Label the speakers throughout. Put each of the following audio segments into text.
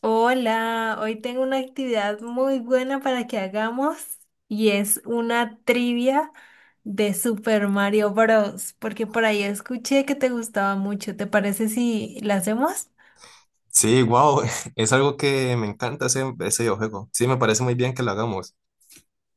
Speaker 1: Hola, hoy tengo una actividad muy buena para que hagamos y es una trivia de Super Mario Bros. Porque por ahí escuché que te gustaba mucho. ¿Te parece si la hacemos?
Speaker 2: Sí, wow, es algo que me encanta ese videojuego. Sí, me parece muy bien que lo hagamos.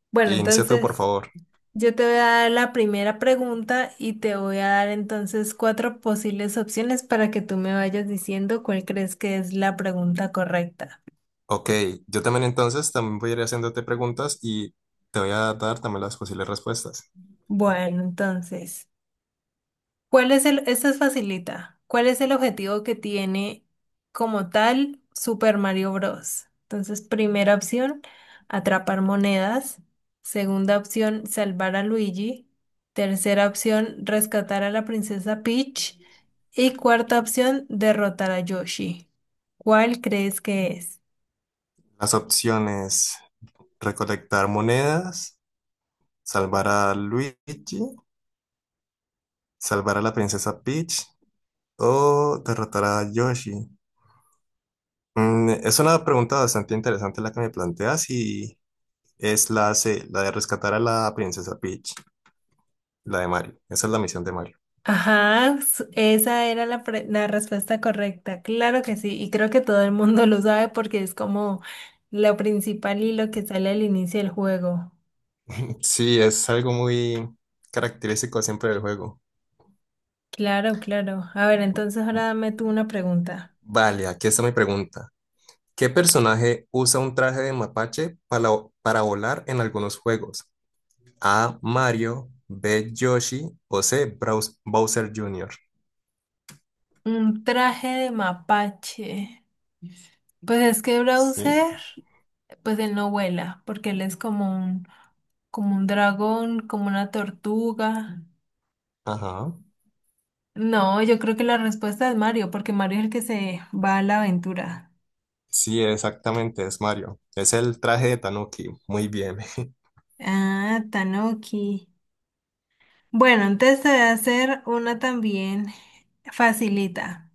Speaker 1: Bueno,
Speaker 2: Inicia tú, por
Speaker 1: entonces
Speaker 2: favor.
Speaker 1: yo te voy a dar la primera pregunta y te voy a dar entonces cuatro posibles opciones para que tú me vayas diciendo cuál crees que es la pregunta correcta.
Speaker 2: Ok, yo también entonces también voy a ir haciéndote preguntas y te voy a dar también las posibles respuestas.
Speaker 1: Bueno, entonces. ¿Cuál es esta es facilita. ¿Cuál es el objetivo que tiene como tal Super Mario Bros? Entonces, primera opción, atrapar monedas. Segunda opción, salvar a Luigi. Tercera opción, rescatar a la princesa Peach. Y cuarta opción, derrotar a Yoshi. ¿Cuál crees que es?
Speaker 2: Las opciones, recolectar monedas, salvar a Luigi, salvar a la princesa Peach o derrotar a Yoshi. Es una pregunta bastante interesante la que me planteas y es la C, la de rescatar a la princesa Peach, la de Mario. Esa es la misión de Mario.
Speaker 1: Ajá, esa era la respuesta correcta, claro que sí, y creo que todo el mundo lo sabe porque es como lo principal y lo que sale al inicio del juego.
Speaker 2: Sí, es algo muy característico siempre del juego.
Speaker 1: Claro, claro. A ver, entonces ahora dame tú una pregunta.
Speaker 2: Vale, aquí está mi pregunta. ¿Qué personaje usa un traje de mapache para volar en algunos juegos? A. Mario, B. Yoshi o C. Bowser Jr.
Speaker 1: Un traje de mapache. Pues es que
Speaker 2: Sí,
Speaker 1: Browser, pues él no vuela, porque él es como un dragón, como una tortuga.
Speaker 2: ajá.
Speaker 1: No, yo creo que la respuesta es Mario, porque Mario es el que se va a la aventura.
Speaker 2: Sí, exactamente, es Mario. Es el traje de Tanuki. Muy bien.
Speaker 1: Ah, Tanoki. Bueno, entonces te voy a hacer una también facilita.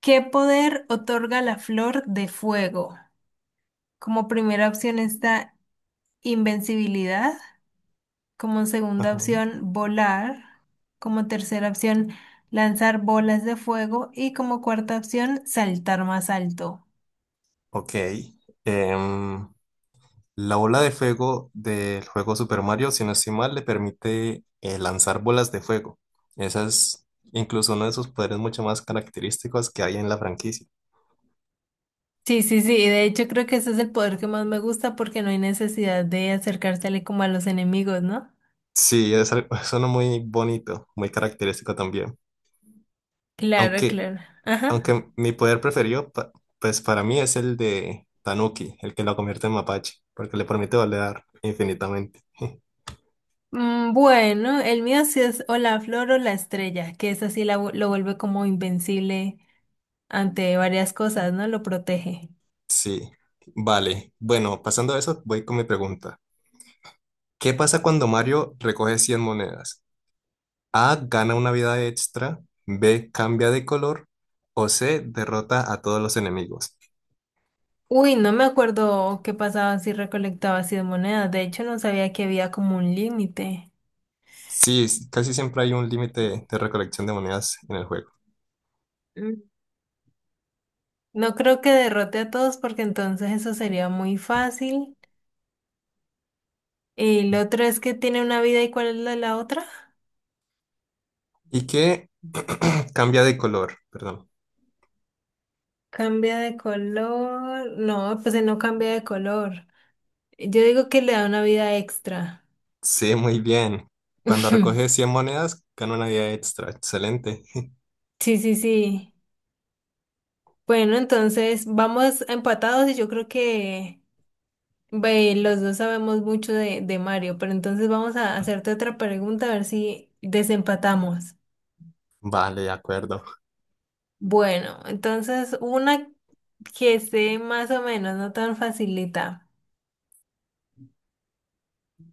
Speaker 1: ¿Qué poder otorga la flor de fuego? Como primera opción está invencibilidad, como segunda
Speaker 2: Ajá.
Speaker 1: opción volar, como tercera opción lanzar bolas de fuego y como cuarta opción saltar más alto.
Speaker 2: Ok. Em, La bola de fuego del juego Super Mario, si no estoy mal, le permite lanzar bolas de fuego. Esa es incluso uno de sus poderes mucho más característicos que hay en la franquicia.
Speaker 1: Sí, sí, sí, y de hecho creo que ese es el poder que más me gusta porque no hay necesidad de acercársele como a los enemigos, ¿no?
Speaker 2: Sí, es algo, es uno muy bonito, muy característico también.
Speaker 1: Claro,
Speaker 2: Aunque,
Speaker 1: claro. Ajá.
Speaker 2: aunque mi poder preferido, pues para mí es el de Tanuki, el que lo convierte en mapache, porque le permite volar infinitamente.
Speaker 1: Bueno, el mío sí es o la flor o la estrella, que es así lo vuelve como invencible ante varias cosas, ¿no? Lo protege.
Speaker 2: Sí, vale. Bueno, pasando a eso, voy con mi pregunta. ¿Qué pasa cuando Mario recoge 100 monedas? A. Gana una vida extra. B. Cambia de color. O C. Derrota a todos los enemigos.
Speaker 1: Uy, no me acuerdo qué pasaba si recolectaba así de monedas. De hecho, no sabía que había como un límite.
Speaker 2: Sí, casi siempre hay un límite de recolección de monedas en el juego.
Speaker 1: Mm. No creo que derrote a todos porque entonces eso sería muy fácil. Y lo otro es que tiene una vida y cuál es la otra.
Speaker 2: ¿Y qué cambia de color? Perdón.
Speaker 1: Cambia de color. No, pues él no cambia de color. Yo digo que le da una vida extra.
Speaker 2: Sí, muy bien. Cuando recoge 100 monedas, gana una vida extra. Excelente.
Speaker 1: Sí, sí, sí. Bueno, entonces vamos empatados y yo creo que ve, los dos sabemos mucho de Mario, pero entonces vamos a hacerte otra pregunta a ver si desempatamos.
Speaker 2: Vale, de acuerdo.
Speaker 1: Bueno, entonces una que sé más o menos, no tan facilita.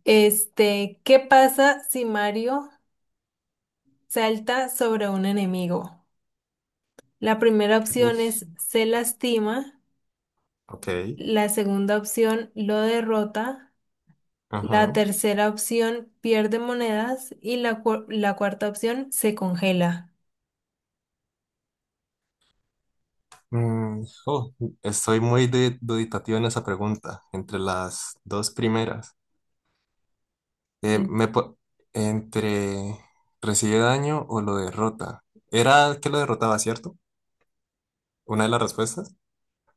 Speaker 1: Este, ¿qué pasa si Mario salta sobre un enemigo? La primera opción
Speaker 2: Uf,
Speaker 1: es se lastima,
Speaker 2: ok.
Speaker 1: la segunda opción lo derrota. La
Speaker 2: Ajá.
Speaker 1: tercera opción pierde monedas y la cuarta opción se congela.
Speaker 2: Oh, estoy muy duditativo en esa pregunta, entre las dos primeras. Eh,
Speaker 1: Mm,
Speaker 2: me po- Entre recibe daño o lo derrota. Era que lo derrotaba, ¿cierto? Una de las respuestas.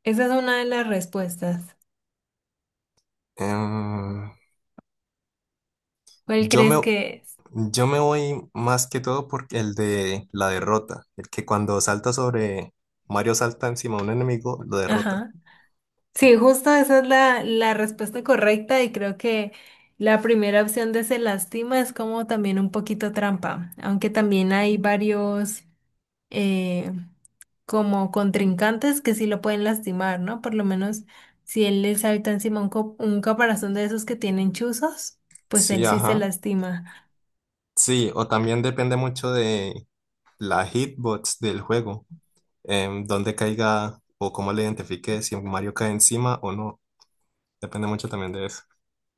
Speaker 1: esa es una de las respuestas.
Speaker 2: Em,
Speaker 1: ¿Cuál
Speaker 2: yo me,
Speaker 1: crees que es?
Speaker 2: yo me voy más que todo por el de la derrota. El que cuando salta sobre Mario salta encima de un enemigo, lo derrota.
Speaker 1: Ajá. Sí, justo esa es la respuesta correcta y creo que la primera opción de se lastima es como también un poquito trampa, aunque también hay varios eh, como contrincantes que sí lo pueden lastimar, ¿no? Por lo menos si él les habita encima un caparazón de esos que tienen chuzos, pues
Speaker 2: Sí,
Speaker 1: él sí se
Speaker 2: ajá.
Speaker 1: lastima.
Speaker 2: Sí, o también depende mucho de la hitbox del juego. Dónde caiga o cómo le identifique si Mario cae encima o no. Depende mucho también de eso.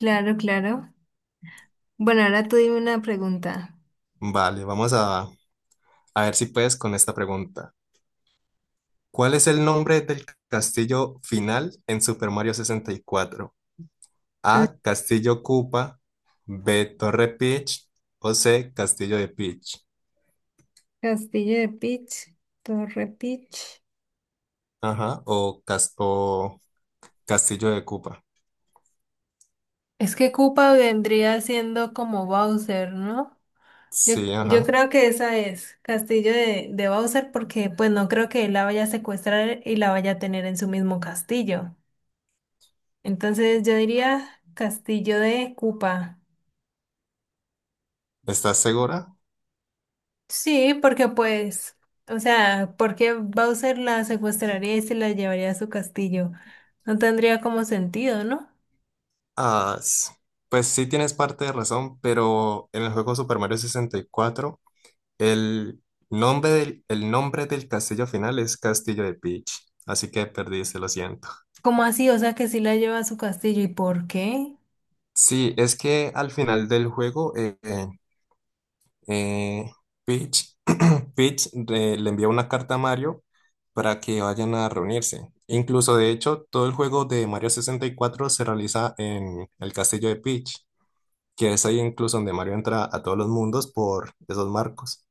Speaker 1: Claro, claro. Bueno, ahora tú dime una pregunta.
Speaker 2: Vale, vamos a A ver si puedes con esta pregunta. ¿Cuál es el nombre del castillo final en Super Mario 64?
Speaker 1: Mm,
Speaker 2: A. Castillo Koopa. B. Torre Peach. O C. Castillo de Peach.
Speaker 1: Castillo de Peach, Torre Peach.
Speaker 2: Ajá. O Castillo de Koopa.
Speaker 1: Es que Koopa vendría siendo como Bowser, ¿no? Yo,
Speaker 2: Sí,
Speaker 1: yo
Speaker 2: ajá.
Speaker 1: creo que esa es Castillo de Bowser porque pues no creo que él la vaya a secuestrar y la vaya a tener en su mismo castillo. Entonces yo diría Castillo de Koopa.
Speaker 2: ¿Estás segura?
Speaker 1: Sí, porque pues, o sea, porque Bowser la secuestraría y se la llevaría a su castillo. No tendría como sentido, ¿no?
Speaker 2: Ah, pues sí tienes parte de razón, pero en el juego Super Mario 64, el el nombre del castillo final es Castillo de Peach. Así que perdiste, lo siento.
Speaker 1: ¿Cómo así? O sea, que sí la lleva a su castillo. ¿Y por qué?
Speaker 2: Sí, es que al final del juego, eh, Peach, Peach, le envía una carta a Mario para que vayan a reunirse. Incluso, de hecho, todo el juego de Mario 64 se realiza en el castillo de Peach, que es ahí incluso donde Mario entra a todos los mundos por esos marcos.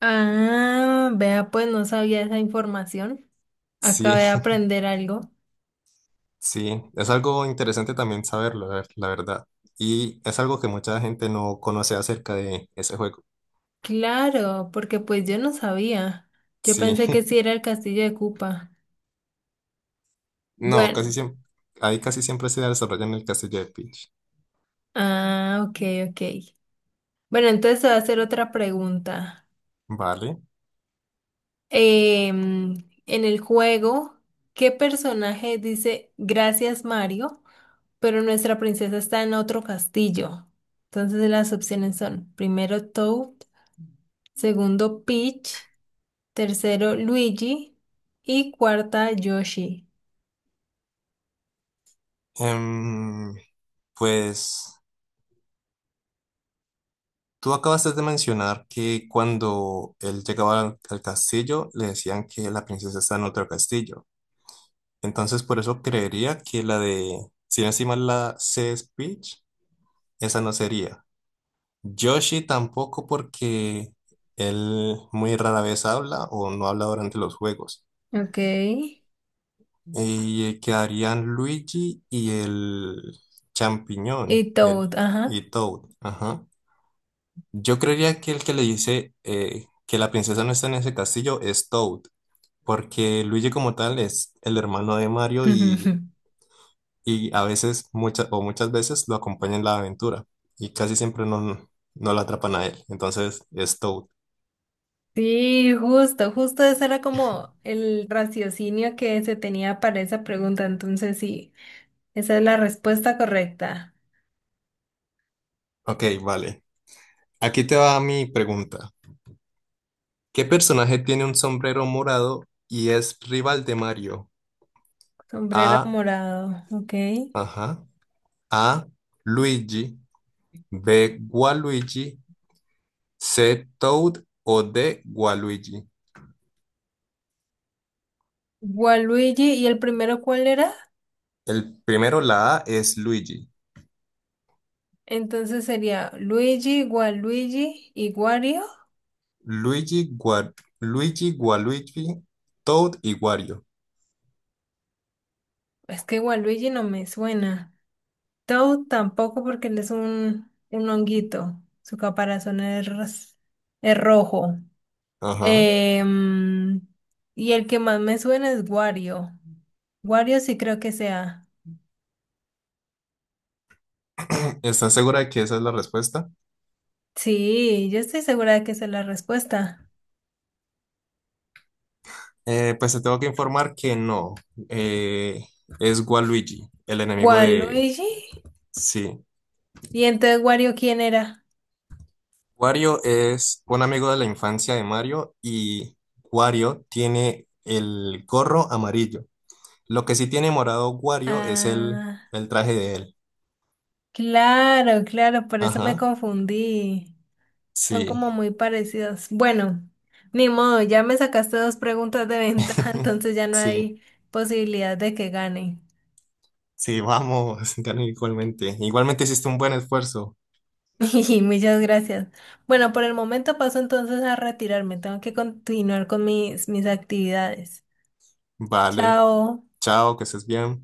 Speaker 1: Ah, vea, pues no sabía esa información.
Speaker 2: Sí,
Speaker 1: Acabé de aprender algo.
Speaker 2: sí, es algo interesante también saberlo, la verdad. Y es algo que mucha gente no conoce acerca de ese juego.
Speaker 1: Claro, porque pues yo no sabía. Yo
Speaker 2: Sí.
Speaker 1: pensé que sí era el castillo de Koopa.
Speaker 2: No, casi
Speaker 1: Bueno,
Speaker 2: siempre, ahí casi siempre se desarrolla en el castillo de Peach.
Speaker 1: ah, ok, ok. Bueno, entonces te voy a hacer otra pregunta.
Speaker 2: Vale.
Speaker 1: Em, en el juego, ¿qué personaje dice gracias Mario, pero nuestra princesa está en otro castillo? Entonces las opciones son primero Toad, segundo Peach, tercero Luigi y cuarta Yoshi.
Speaker 2: Em, pues tú acabaste de mencionar que cuando él llegaba al castillo le decían que la princesa está en otro castillo. Entonces por eso creería que la de, si no estoy mal, la C es Peach, esa no sería. Yoshi tampoco porque él muy rara vez habla o no habla durante los juegos.
Speaker 1: Ok.
Speaker 2: Y quedarían Luigi y el champiñón,
Speaker 1: Y
Speaker 2: el
Speaker 1: Toad, ajá.
Speaker 2: y Toad. Ajá. Yo creería que el que le dice que la princesa no está en ese castillo es Toad, porque Luigi como tal es el hermano de Mario y, y a veces, muchas o muchas veces lo acompaña en la aventura y casi siempre no, no lo atrapan a él. Entonces es Toad.
Speaker 1: Sí, justo, justo ese era como el raciocinio que se tenía para esa pregunta. Entonces, sí, esa es la respuesta correcta.
Speaker 2: Ok, vale. Aquí te va mi pregunta. ¿Qué personaje tiene un sombrero morado y es rival de Mario?
Speaker 1: Sombrero
Speaker 2: A.
Speaker 1: morado, ok.
Speaker 2: Ajá. A, Luigi, B, Gualuigi, C, Toad o D, Gualuigi.
Speaker 1: Waluigi, ¿y el primero cuál era?
Speaker 2: El primero, la A, es Luigi.
Speaker 1: Entonces sería Luigi, Waluigi y Wario.
Speaker 2: Luigi, Gua- Luigi, Gualuigi, Toad y Wario.
Speaker 1: Es que Waluigi no me suena. Toad tampoco porque él es un honguito. Su caparazón es rojo.
Speaker 2: Ajá.
Speaker 1: Em, y el que más me suena es Wario. Wario sí creo que sea.
Speaker 2: ¿Estás segura de que esa es la respuesta?
Speaker 1: Sí, yo estoy segura de que esa es la respuesta.
Speaker 2: Pues te tengo que informar que no. Eh, es Waluigi, el enemigo de...
Speaker 1: Waluigi.
Speaker 2: Sí.
Speaker 1: ¿Y entonces Wario quién era?
Speaker 2: Wario es un amigo de la infancia de Mario y Wario tiene el gorro amarillo. Lo que sí tiene morado Wario es el,
Speaker 1: Ah,
Speaker 2: el traje de él.
Speaker 1: claro, claro, por eso me
Speaker 2: Ajá.
Speaker 1: confundí. Son
Speaker 2: Sí.
Speaker 1: como muy parecidos. Bueno, ni modo, ya me sacaste 2 preguntas de ventaja, entonces ya no
Speaker 2: Sí.
Speaker 1: hay posibilidad de que gane.
Speaker 2: Sí, vamos. Gané igualmente. Igualmente hiciste un buen esfuerzo.
Speaker 1: Y muchas gracias. Bueno, por el momento paso entonces a retirarme. Tengo que continuar con mis actividades.
Speaker 2: Vale.
Speaker 1: Chao.
Speaker 2: Chao, que estés bien.